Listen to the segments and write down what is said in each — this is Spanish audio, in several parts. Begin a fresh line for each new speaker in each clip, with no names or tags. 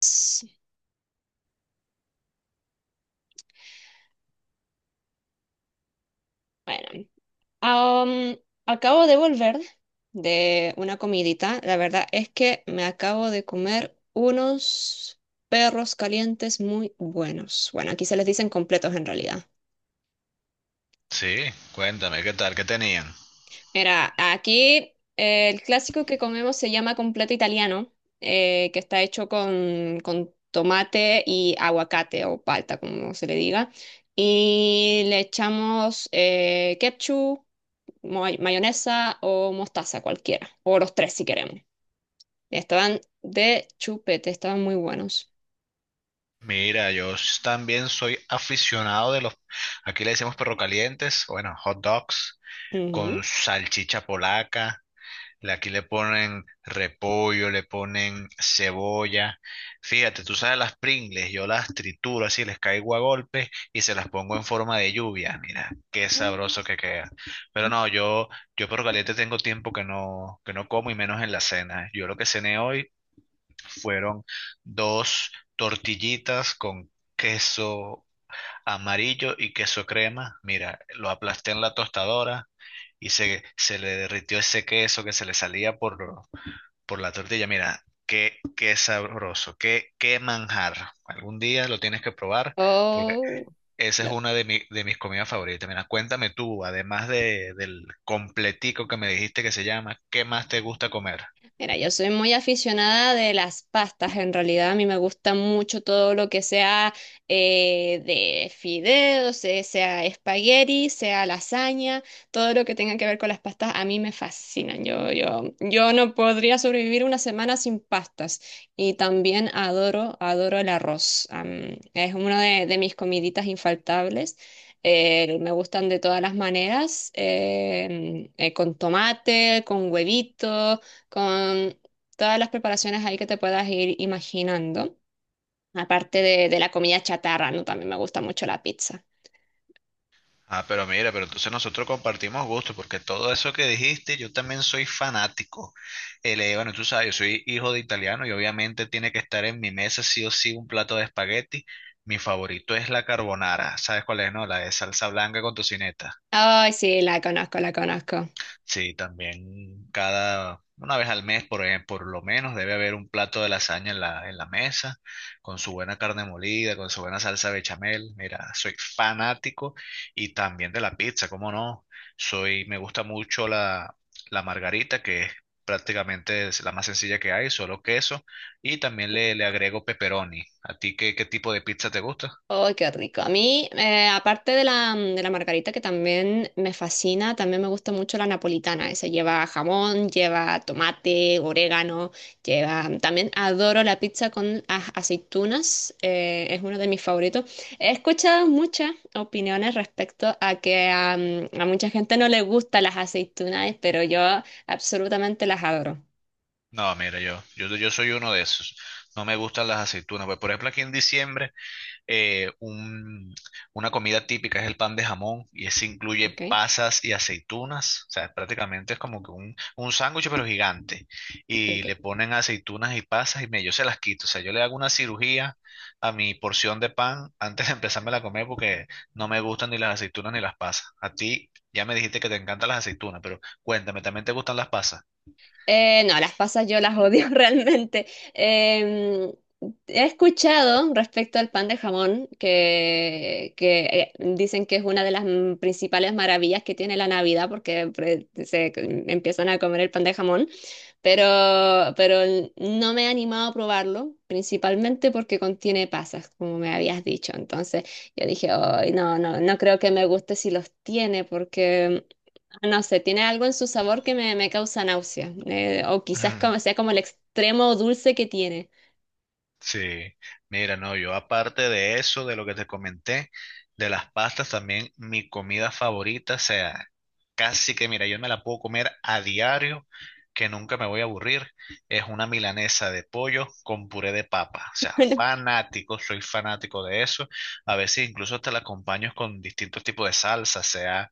Sí. Bueno, am, acabo de volver de una comidita. La verdad es que me acabo de comer unos perros calientes muy buenos. Bueno, aquí se les dicen completos en realidad.
Sí, cuéntame, ¿qué tal? ¿Qué tenían?
Mira, aquí el clásico que comemos se llama completo italiano, que está hecho con tomate y aguacate o palta, como se le diga. Y le echamos ketchup. Mayonesa o mostaza, cualquiera, o los tres si queremos. Estaban de chupete, estaban muy buenos.
Mira, también soy aficionado de aquí le decimos perro calientes, bueno, hot dogs con
Ujú.
salchicha polaca, aquí le ponen repollo, le ponen cebolla. Fíjate, tú sabes las Pringles, yo las trituro así, les caigo a golpes y se las pongo en forma de lluvia, mira, qué sabroso que queda. Pero
Mm.
no, yo perro caliente tengo tiempo que no como y menos en la cena. Yo lo que cené hoy fueron dos tortillitas con queso amarillo y queso crema. Mira, lo aplasté en la tostadora y se le derritió ese queso que se le salía por la tortilla. Mira, qué sabroso, qué manjar. Algún día lo tienes que probar porque
Oh.
esa es una de mis comidas favoritas. Mira, cuéntame tú, además del completico que me dijiste que se llama, ¿qué más te gusta comer?
Mira, yo soy muy aficionada de las pastas, en realidad a mí me gusta mucho todo lo que sea de fideos, sea espagueti, sea lasaña, todo lo que tenga que ver con las pastas a mí me fascinan. Yo no podría sobrevivir una semana sin pastas y también adoro el arroz. Es una de mis comiditas infaltables. Me gustan de todas las maneras, con tomate, con huevito con todas las preparaciones ahí que te puedas ir imaginando, aparte de la comida chatarra, ¿no? También me gusta mucho la pizza.
Ah, pero mira, pero entonces nosotros compartimos gustos, porque todo eso que dijiste, yo también soy fanático. Bueno, tú sabes, yo soy hijo de italiano y obviamente tiene que estar en mi mesa sí o sí un plato de espagueti. Mi favorito es la carbonara. ¿Sabes cuál es, no? La de salsa blanca con tocineta.
Ay, sí, la conozco, la conozco.
Sí, también cada, una vez al mes, por ejemplo, por lo menos debe haber un plato de lasaña en en la mesa, con su buena carne molida, con su buena salsa bechamel. Mira, soy fanático y también de la pizza, ¿cómo no? Soy, me gusta mucho la margarita, que es prácticamente es la más sencilla que hay, solo queso, y también le agrego pepperoni. ¿A ti qué, qué tipo de pizza te gusta?
¡Ay, qué rico! A mí, aparte de la, de la margarita que también me fascina, también me gusta mucho la napolitana. Esa lleva jamón, lleva tomate, orégano, lleva... mm, también adoro la pizza con aceitunas, es uno de mis favoritos. He escuchado muchas opiniones respecto a que a mucha gente no le gustan las aceitunas, pero yo absolutamente las adoro.
No, mira, yo soy uno de esos. No me gustan las aceitunas. Pues, por ejemplo, aquí en diciembre. eh, un- una comida típica es el pan de jamón y ese incluye
¿Ok?
pasas y aceitunas. O sea, prácticamente es como que un sándwich pero gigante. Y le
Ok.
ponen aceitunas y pasas y yo se las quito. O sea, yo le hago una cirugía a mi porción de pan antes de empezármela a comer porque no me gustan ni las aceitunas ni las pasas. A ti ya me dijiste que te encantan las aceitunas, pero cuéntame, ¿también te gustan las pasas?
No, las pasas yo las odio realmente. Em, He escuchado respecto al pan de jamón que dicen que es una de las principales maravillas que tiene la Navidad porque se empiezan a comer el pan de jamón, pero no me he animado a probarlo, principalmente porque contiene pasas, como me habías dicho. Entonces yo dije, "Ay, no, no, no creo que me guste si los tiene porque no sé, tiene algo en su sabor que me causa náusea. O quizás como, sea como el extremo dulce que tiene".
Sí, mira, no, yo aparte de eso, de lo que te comenté, de las pastas, también mi comida favorita, o sea, casi que, mira, yo me la puedo comer a diario, que nunca me voy a aburrir, es una milanesa de pollo con puré de papa, o sea, fanático, soy fanático de eso, a veces incluso te la acompaño con distintos tipos de salsa, sea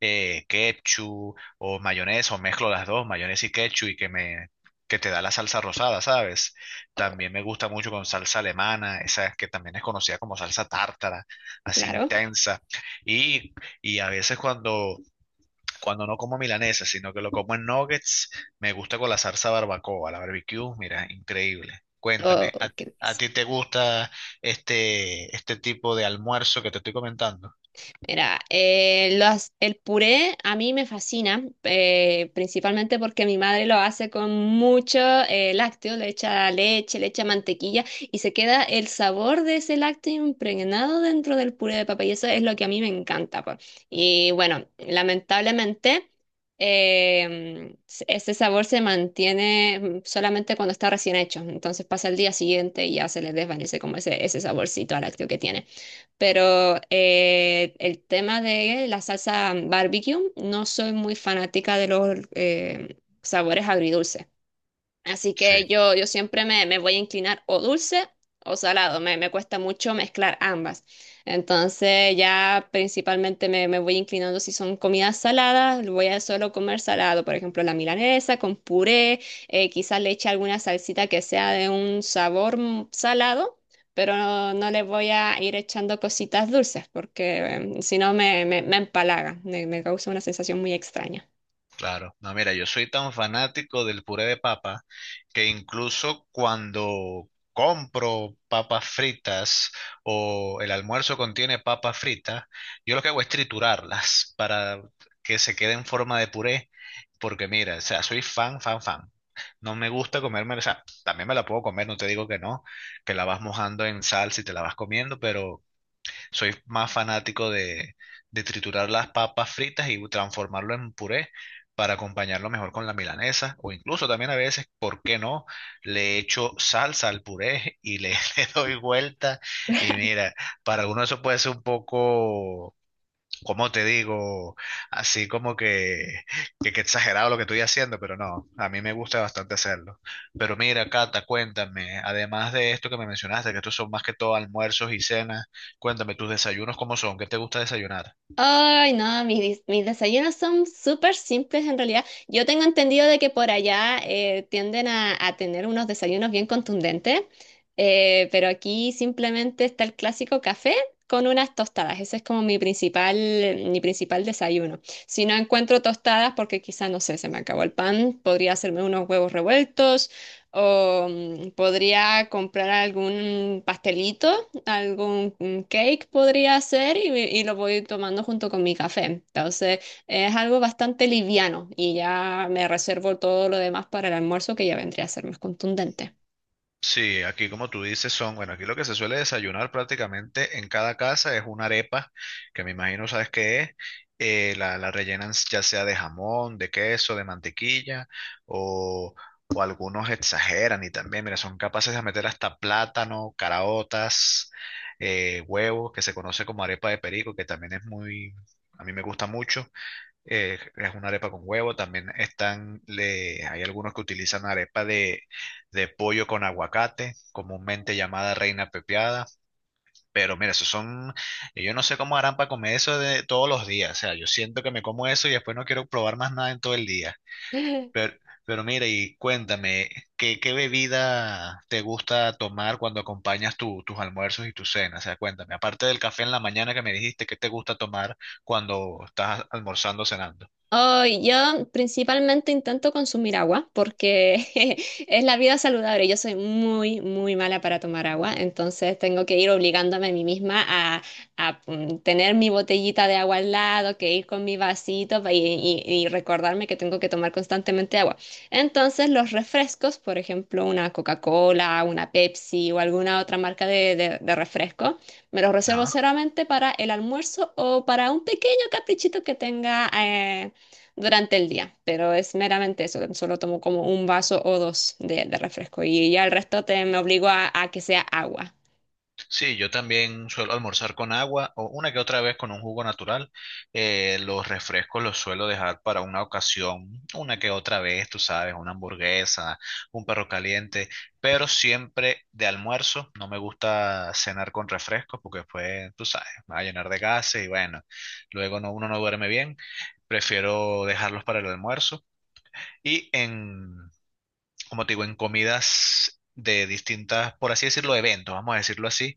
ketchup o mayonesa, o mezclo las dos, mayonesa y ketchup, y que que te da la salsa rosada, ¿sabes? También me gusta mucho con salsa alemana, esa que también es conocida como salsa tártara, así
Claro.
intensa. Y, y a veces cuando no como milanesa, sino que lo como en nuggets, me gusta con la salsa barbacoa, la barbecue, mira, increíble. Cuéntame,
Qué
¿a
delicia.
ti te gusta este tipo de almuerzo que te estoy comentando?
Mira, el puré a mí me fascina, principalmente porque mi madre lo hace con mucho lácteo, le echa leche, le echa mantequilla y se queda el sabor de ese lácteo impregnado dentro del puré de papa y eso es lo que a mí me encanta. Po. Y bueno, lamentablemente eh, ese sabor se mantiene solamente cuando está recién hecho, entonces pasa el día siguiente y ya se le desvanece como ese saborcito a lácteo que tiene. Pero el tema de la salsa barbecue, no soy muy fanática de los sabores agridulces. Así
Sí.
que yo siempre me voy a inclinar o dulce o salado. Me cuesta mucho mezclar ambas. Entonces ya principalmente me voy inclinando si son comidas saladas, voy a solo comer salado. Por ejemplo, la milanesa con puré, quizás le eche alguna salsita que sea de un sabor salado. Pero no, no le voy a ir echando cositas dulces porque si no me empalaga, me causa una sensación muy extraña.
Claro, no, mira, yo soy tan fanático del puré de papa que incluso cuando compro papas fritas o el almuerzo contiene papas fritas, yo lo que hago es triturarlas para que se quede en forma de puré, porque mira, o sea, soy fan, fan, fan. No me gusta comerme, o sea, también me la puedo comer, no te digo que no, que la vas mojando en salsa y te la vas comiendo, pero soy más fanático de triturar las papas fritas y transformarlo en puré para acompañarlo mejor con la milanesa o incluso también a veces, ¿por qué no? Le echo salsa al puré y le, le doy vuelta y mira, para algunos eso puede ser un poco como te digo, así como que exagerado lo que estoy haciendo, pero no, a mí me gusta bastante hacerlo. Pero mira, Cata, cuéntame, además de esto que me mencionaste, que estos son más que todo almuerzos y cenas, cuéntame tus desayunos, ¿cómo son? ¿Qué te gusta desayunar?
Ay, no, mis desayunos son súper simples en realidad. Yo tengo entendido de que por allá tienden a tener unos desayunos bien contundentes, pero aquí simplemente está el clásico café con unas tostadas. Ese es como mi principal desayuno. Si no encuentro tostadas, porque quizá, no sé, se me acabó el pan, podría hacerme unos huevos revueltos o podría comprar algún pastelito algún un cake podría ser y lo voy tomando junto con mi café. Entonces es algo bastante liviano y ya me reservo todo lo demás para el almuerzo que ya vendría a ser más contundente.
Sí, aquí como tú dices son, bueno, aquí lo que se suele desayunar prácticamente en cada casa es una arepa, que me imagino sabes qué es, la rellenan ya sea de jamón, de queso, de mantequilla, o, o algunos exageran y también, mira, son capaces de meter hasta plátano, caraotas, huevos, que se conoce como arepa de perico, que también es muy, a mí me gusta mucho, es una arepa con huevo. También están, le, hay algunos que utilizan arepa de pollo con aguacate, comúnmente llamada reina pepiada. Pero mira, esos son, yo no sé cómo harán para comer eso de todos los días. O sea, yo siento que me como eso y después no quiero probar más nada en todo el día. Pero, pero mira, y cuéntame, ¿qué bebida te gusta tomar cuando acompañas tus almuerzos y tus cenas? O sea, cuéntame, aparte del café en la mañana que me dijiste, ¿qué te gusta tomar cuando estás almorzando o cenando?
Hoy yo principalmente intento consumir agua porque es la vida saludable. Yo soy muy mala para tomar agua, entonces tengo que ir obligándome a mí misma a tener mi botellita de agua al lado, que ir con mi vasito y recordarme que tengo que tomar constantemente agua. Entonces los refrescos, por ejemplo, una Coca-Cola, una Pepsi o alguna otra marca de, de refresco. Me los reservo
Ajá.
solamente para el almuerzo o para un pequeño caprichito que tenga durante el día, pero es meramente eso, solo tomo como un vaso o dos de refresco y ya el resto me obligo a que sea agua.
Sí, yo también suelo almorzar con agua o una que otra vez con un jugo natural. Los refrescos los suelo dejar para una ocasión, una que otra vez, tú sabes, una hamburguesa, un perro caliente, pero siempre de almuerzo. No me gusta cenar con refrescos porque después, tú sabes, me va a llenar de gases y bueno, luego no, uno no duerme bien. Prefiero dejarlos para el almuerzo. Y en, Como te digo, en comidas de distintas, por así decirlo, eventos, vamos a decirlo así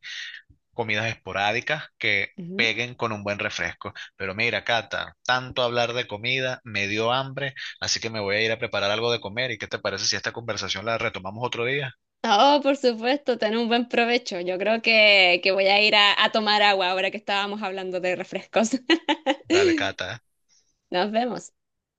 comidas esporádicas que
Ujú.
peguen con un buen refresco. Pero mira, Cata, tanto hablar de comida me dio hambre, así que me voy a ir a preparar algo de comer. ¿Y qué te parece si esta conversación la retomamos otro día?
Oh, por supuesto, tener un buen provecho. Yo creo que voy a ir a tomar agua ahora que estábamos hablando de refrescos.
Dale, Cata. ¿Eh?
Nos vemos.